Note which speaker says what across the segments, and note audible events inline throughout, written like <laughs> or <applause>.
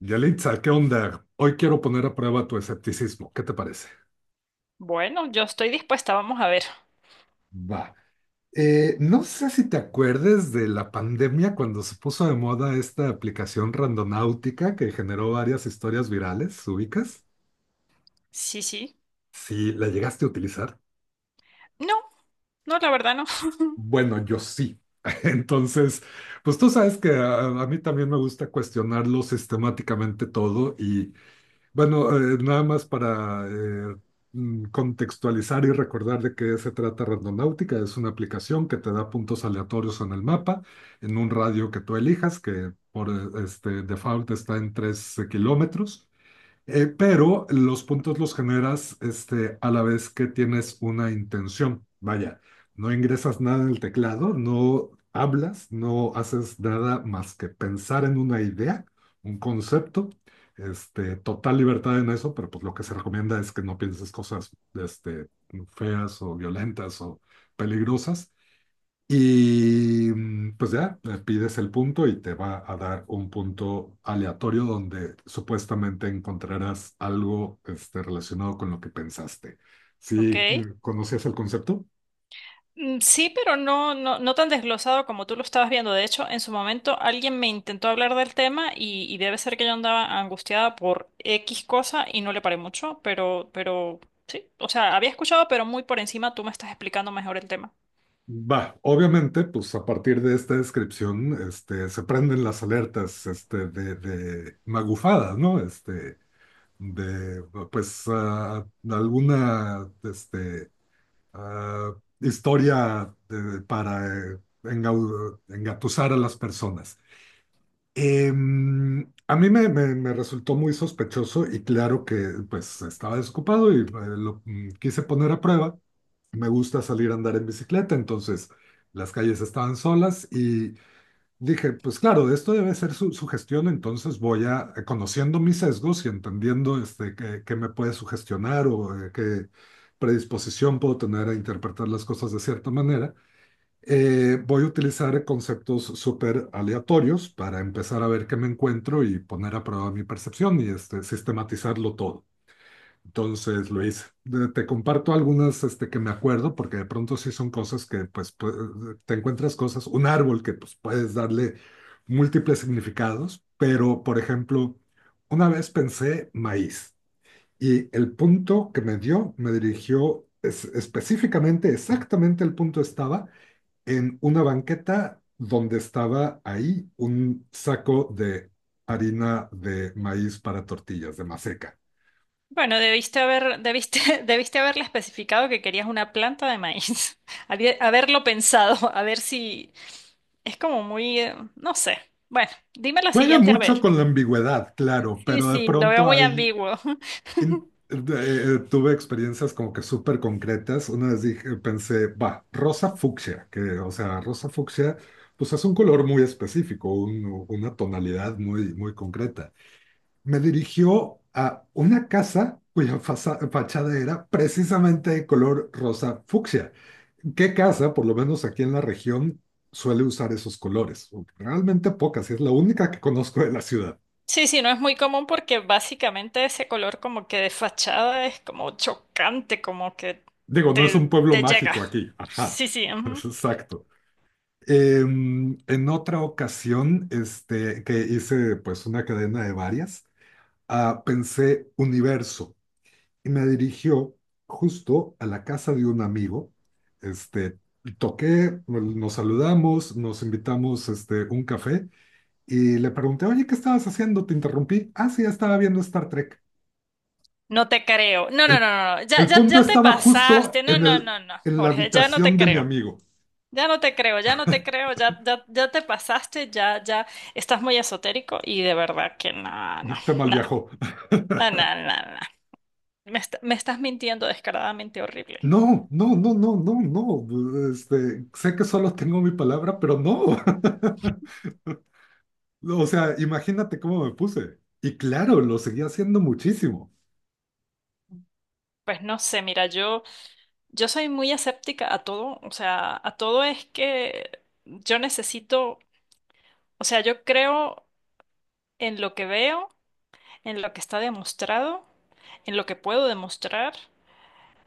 Speaker 1: Yalitza, ¿qué onda? Hoy quiero poner a prueba tu escepticismo. ¿Qué te parece?
Speaker 2: Bueno, yo estoy dispuesta, vamos a ver.
Speaker 1: Va. No sé si te acuerdes de la pandemia cuando se puso de moda esta aplicación randonáutica que generó varias historias virales, ¿ubicas?
Speaker 2: Sí, sí.
Speaker 1: Si la llegaste a utilizar.
Speaker 2: No, no, la verdad no.
Speaker 1: Bueno, yo sí. <laughs> Entonces, pues tú sabes que a mí también me gusta cuestionarlo sistemáticamente todo y bueno, nada más para contextualizar y recordar de qué se trata Randonáutica. Es una aplicación que te da puntos aleatorios en el mapa, en un radio que tú elijas, que por default está en 3 kilómetros. Pero los puntos los generas a la vez que tienes una intención. Vaya, no ingresas nada en el teclado, no hablas, no haces nada más que pensar en una idea, un concepto. Total libertad en eso, pero pues lo que se recomienda es que no pienses cosas feas o violentas o peligrosas. Y pues ya, le pides el punto y te va a dar un punto aleatorio donde supuestamente encontrarás algo relacionado con lo que pensaste. ¿Si
Speaker 2: Ok.
Speaker 1: conocías el concepto?
Speaker 2: Sí, pero no, no, no tan desglosado como tú lo estabas viendo. De hecho, en su momento alguien me intentó hablar del tema y debe ser que yo andaba angustiada por X cosa y no le paré mucho, pero sí. O sea, había escuchado, pero muy por encima tú me estás explicando mejor el tema.
Speaker 1: Va, obviamente, pues a partir de esta descripción se prenden las alertas de magufadas, ¿no? Este, de pues ah, alguna este, ah, historia para engatusar a las personas. A mí me resultó muy sospechoso y claro que pues estaba desocupado y lo quise poner a prueba. Me gusta salir a andar en bicicleta, entonces las calles estaban solas y dije, pues claro, esto debe ser sugestión, entonces voy a, conociendo mis sesgos y entendiendo qué me puede sugestionar o qué predisposición puedo tener a interpretar las cosas de cierta manera, voy a utilizar conceptos súper aleatorios para empezar a ver qué me encuentro y poner a prueba mi percepción y sistematizarlo todo. Entonces, Luis, te comparto algunas que me acuerdo, porque de pronto sí son cosas que, pues, te encuentras cosas, un árbol que, pues, puedes darle múltiples significados, pero, por ejemplo, una vez pensé maíz y el punto que me dio me dirigió específicamente, exactamente el punto estaba en una banqueta donde estaba ahí un saco de harina de maíz para tortillas, de maseca.
Speaker 2: Bueno, debiste haber, debiste, <laughs> debiste haberle especificado que querías una planta de maíz. <laughs> Haberlo pensado, <laughs> a ver si. Es como muy, no sé. Bueno, dime la
Speaker 1: Juega
Speaker 2: siguiente a
Speaker 1: mucho
Speaker 2: ver.
Speaker 1: con la ambigüedad, claro,
Speaker 2: Sí,
Speaker 1: pero de
Speaker 2: sí, lo veo
Speaker 1: pronto
Speaker 2: muy
Speaker 1: hay...
Speaker 2: ambiguo. <laughs>
Speaker 1: tuve experiencias como que súper concretas. Una vez dije, pensé, va, rosa fucsia, que, o sea, rosa fucsia, pues es un color muy específico, una tonalidad muy, muy concreta. Me dirigió a una casa cuya fachada era precisamente de color rosa fucsia. ¿Qué casa, por lo menos aquí en la región, suele usar esos colores? Realmente pocas, y es la única que conozco de la ciudad.
Speaker 2: Sí, sí, no es muy común porque básicamente ese color como que de fachada es como chocante, como que
Speaker 1: Digo, no es un
Speaker 2: te,
Speaker 1: pueblo
Speaker 2: te llega.
Speaker 1: mágico aquí. Ajá,
Speaker 2: Sí, sí,
Speaker 1: <laughs>
Speaker 2: ujú.
Speaker 1: exacto. En otra ocasión, que hice pues una cadena de varias, pensé universo y me dirigió justo a la casa de un amigo. Este, Toqué, pues, nos saludamos, nos invitamos un café y le pregunté, oye, ¿qué estabas haciendo? Te interrumpí. Ah, sí, estaba viendo Star Trek.
Speaker 2: No te creo. No, no,
Speaker 1: El,
Speaker 2: no, no, no. Ya,
Speaker 1: el
Speaker 2: ya,
Speaker 1: punto
Speaker 2: ya te
Speaker 1: estaba justo
Speaker 2: pasaste. No,
Speaker 1: en
Speaker 2: no,
Speaker 1: el,
Speaker 2: no, no.
Speaker 1: en la
Speaker 2: Jorge, ya no te
Speaker 1: habitación de mi
Speaker 2: creo.
Speaker 1: amigo.
Speaker 2: Ya no te creo, ya no te creo, ya, ya, ya te pasaste, ya, ya estás muy esotérico y de verdad que no, no,
Speaker 1: <laughs> Te mal
Speaker 2: no,
Speaker 1: viajó. <laughs>
Speaker 2: no, no, no, no. Me, me estás mintiendo descaradamente horrible.
Speaker 1: No, no, no, no, no, no. Sé que solo tengo mi palabra, pero no. <laughs> O sea, imagínate cómo me puse. Y claro, lo seguía haciendo muchísimo.
Speaker 2: Pues no sé, mira, yo soy muy escéptica a todo, o sea, a todo es que yo necesito, o sea, yo creo en lo que veo, en lo que está demostrado, en lo que puedo demostrar,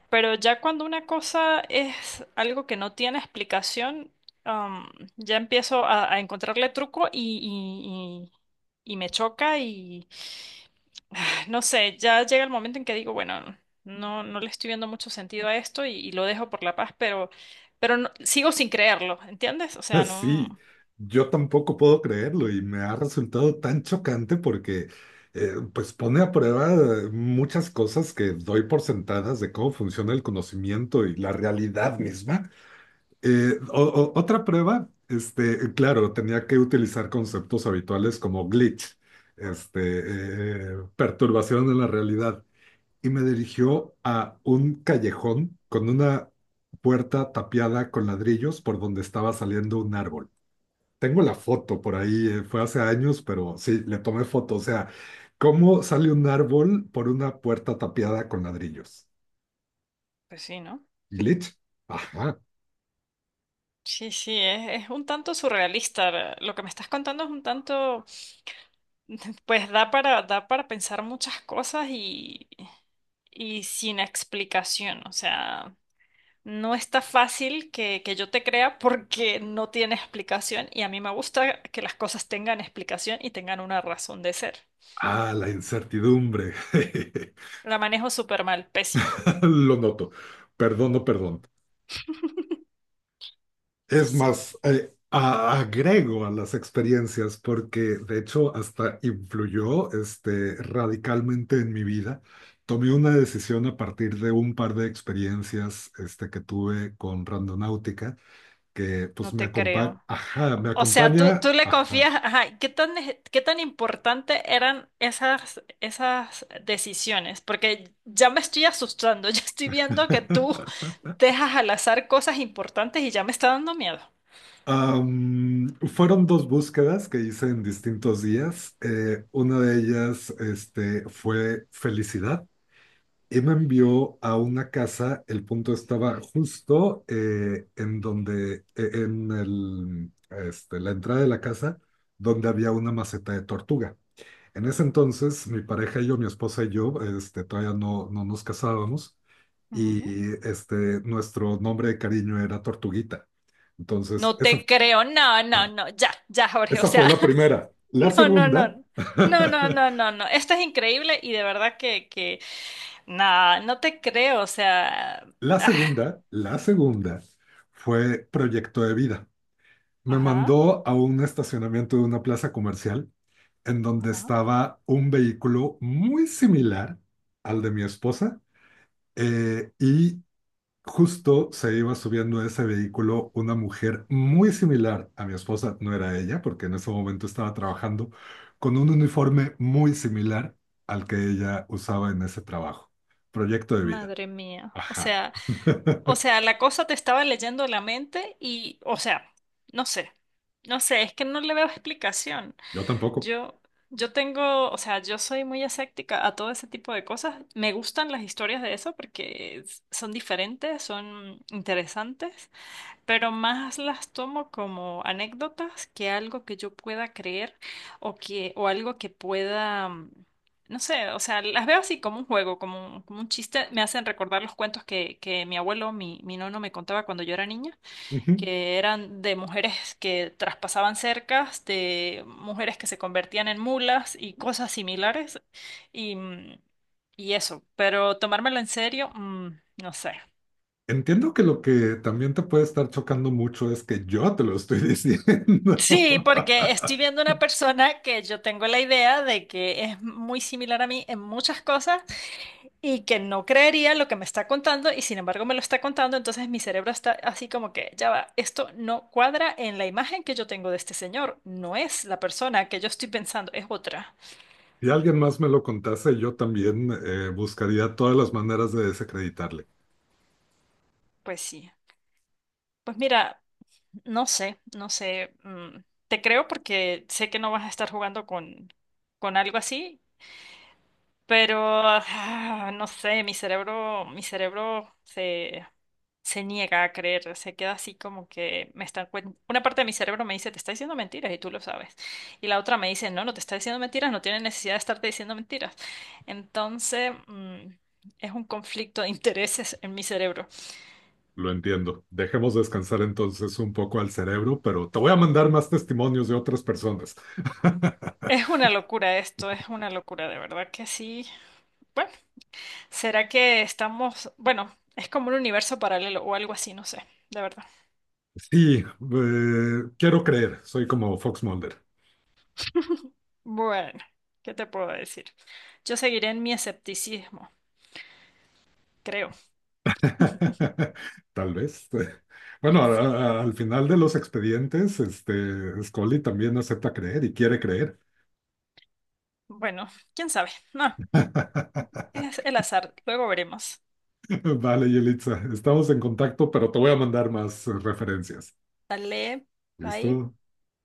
Speaker 2: pero ya cuando una cosa es algo que no tiene explicación, am, ya empiezo a encontrarle truco y me choca y no sé, ya llega el momento en que digo, bueno, no, no le estoy viendo mucho sentido a esto y lo dejo por la paz, pero, sigo sin creerlo, ¿entiendes? O
Speaker 1: <laughs>
Speaker 2: sea, no,
Speaker 1: Así, yo tampoco puedo creerlo y me ha resultado tan chocante porque, pues, pone a prueba muchas cosas que doy por sentadas de cómo funciona el conocimiento y la realidad misma. Otra prueba, claro, tenía que utilizar conceptos habituales como glitch, este, perturbación de la realidad, y me dirigió a un callejón con una puerta tapiada con ladrillos por donde estaba saliendo un árbol. Tengo la foto por ahí, fue hace años, pero sí, le tomé foto. O sea, ¿cómo sale un árbol por una puerta tapiada con ladrillos?
Speaker 2: pues sí, ¿no?
Speaker 1: ¿Glitch? Ajá.
Speaker 2: Sí, sí, es un tanto surrealista. Lo que me estás contando es un tanto, <laughs> pues da para pensar muchas cosas y sin explicación. O sea, no está fácil que yo te crea porque no tiene explicación y a mí me gusta que las cosas tengan explicación y tengan una razón de ser.
Speaker 1: Ah, la incertidumbre. <laughs>
Speaker 2: La manejo súper mal, pésimo.
Speaker 1: <laughs> Lo noto. Perdón, no perdón.
Speaker 2: Y
Speaker 1: Es
Speaker 2: sí,
Speaker 1: más, agrego a las experiencias porque de hecho hasta influyó radicalmente en mi vida. Tomé una decisión a partir de un par de experiencias que tuve con Randonáutica, que pues
Speaker 2: no
Speaker 1: me
Speaker 2: te
Speaker 1: acompaña,
Speaker 2: creo.
Speaker 1: ajá, me
Speaker 2: O sea, tú,
Speaker 1: acompaña,
Speaker 2: tú le
Speaker 1: ajá.
Speaker 2: confías, ajá, ¿qué tan, qué tan importante eran esas, esas decisiones? Porque ya me estoy asustando, <laughs> ya estoy viendo que tú
Speaker 1: <laughs>
Speaker 2: dejas al azar cosas importantes y ya me está dando miedo.
Speaker 1: Fueron dos búsquedas que hice en distintos días. Una de ellas fue felicidad y me envió a una casa, el punto estaba justo en donde, en el, la entrada de la casa, donde había una maceta de tortuga. En ese entonces, mi pareja y yo, mi esposa y yo, todavía no, no nos casábamos
Speaker 2: Ujú.
Speaker 1: y nuestro nombre de cariño era Tortuguita. Entonces,
Speaker 2: No
Speaker 1: esa,
Speaker 2: te creo, no, no,
Speaker 1: ah,
Speaker 2: no, ya, ya, Jorge, o
Speaker 1: esa
Speaker 2: sea,
Speaker 1: fue la primera.
Speaker 2: <laughs>
Speaker 1: La
Speaker 2: no, no, no,
Speaker 1: segunda,
Speaker 2: no.
Speaker 1: <laughs>
Speaker 2: No, no, no, no, no. Esto es increíble y de verdad que, nada, no te creo, o sea, ah,
Speaker 1: la segunda fue Proyecto de Vida. Me
Speaker 2: ajá.
Speaker 1: mandó a un estacionamiento de una plaza comercial en donde
Speaker 2: Ajá.
Speaker 1: estaba un vehículo muy similar al de mi esposa y justo se iba subiendo a ese vehículo una mujer muy similar a mi esposa, no era ella porque en ese momento estaba trabajando con un uniforme muy similar al que ella usaba en ese trabajo. Proyecto de vida.
Speaker 2: Madre mía.
Speaker 1: Ajá. <laughs>
Speaker 2: O sea, la cosa te estaba leyendo la mente y, o sea, no sé. No sé, es que no le veo explicación.
Speaker 1: Yo tampoco.
Speaker 2: Yo, yo tengo, o sea, yo soy muy escéptica a todo ese tipo de cosas. Me gustan las historias de eso porque son diferentes, son interesantes, pero más las tomo como anécdotas que algo que yo pueda creer o que o algo que pueda no sé, o sea, las veo así como un juego, como un chiste, me hacen recordar los cuentos que mi abuelo, mi nono me contaba cuando yo era niña, que eran de mujeres que traspasaban cercas, de mujeres que se convertían en mulas y cosas similares y y eso, pero tomármelo en serio, no sé.
Speaker 1: Entiendo que lo que también te puede estar chocando mucho es que yo te lo estoy diciendo.
Speaker 2: Sí, porque estoy
Speaker 1: <laughs>
Speaker 2: viendo una persona que yo tengo la idea de que es muy similar a mí en muchas cosas y que no creería lo que me está contando y sin embargo me lo está contando, entonces mi cerebro está así como que, ya va, esto no cuadra en la imagen que yo tengo de este señor, no es la persona que yo estoy pensando, es otra.
Speaker 1: Si alguien más me lo contase, yo también buscaría todas las maneras de desacreditarle.
Speaker 2: Pues sí, pues mira, no sé, no sé, te creo porque sé que no vas a estar jugando con algo así. Pero, no sé, mi cerebro se, se niega a creer, se queda así como que me están una parte de mi cerebro me dice, te está diciendo mentiras y tú lo sabes. Y la otra me dice, no, no te está diciendo mentiras, no tiene necesidad de estarte diciendo mentiras. Entonces, es un conflicto de intereses en mi cerebro.
Speaker 1: Lo entiendo. Dejemos descansar entonces un poco al cerebro, pero te voy a mandar más testimonios de otras personas. <laughs>
Speaker 2: Es una locura esto, es una locura, de verdad que sí. Bueno, ¿será que estamos, bueno, es como un universo paralelo o algo así, no sé, de verdad.
Speaker 1: Sí, quiero creer, soy como Fox Mulder.
Speaker 2: <laughs> Bueno, ¿qué te puedo decir? Yo seguiré en mi escepticismo, creo.
Speaker 1: <laughs> Tal vez. Bueno,
Speaker 2: Sí, sí.
Speaker 1: al final de los expedientes, Scully también acepta creer y quiere creer.
Speaker 2: Bueno, quién sabe. No,
Speaker 1: <laughs>
Speaker 2: es el azar. Luego veremos.
Speaker 1: Vale, Yelitza, estamos en contacto, pero te voy a mandar más referencias.
Speaker 2: Dale,
Speaker 1: ¿Listo?
Speaker 2: bye.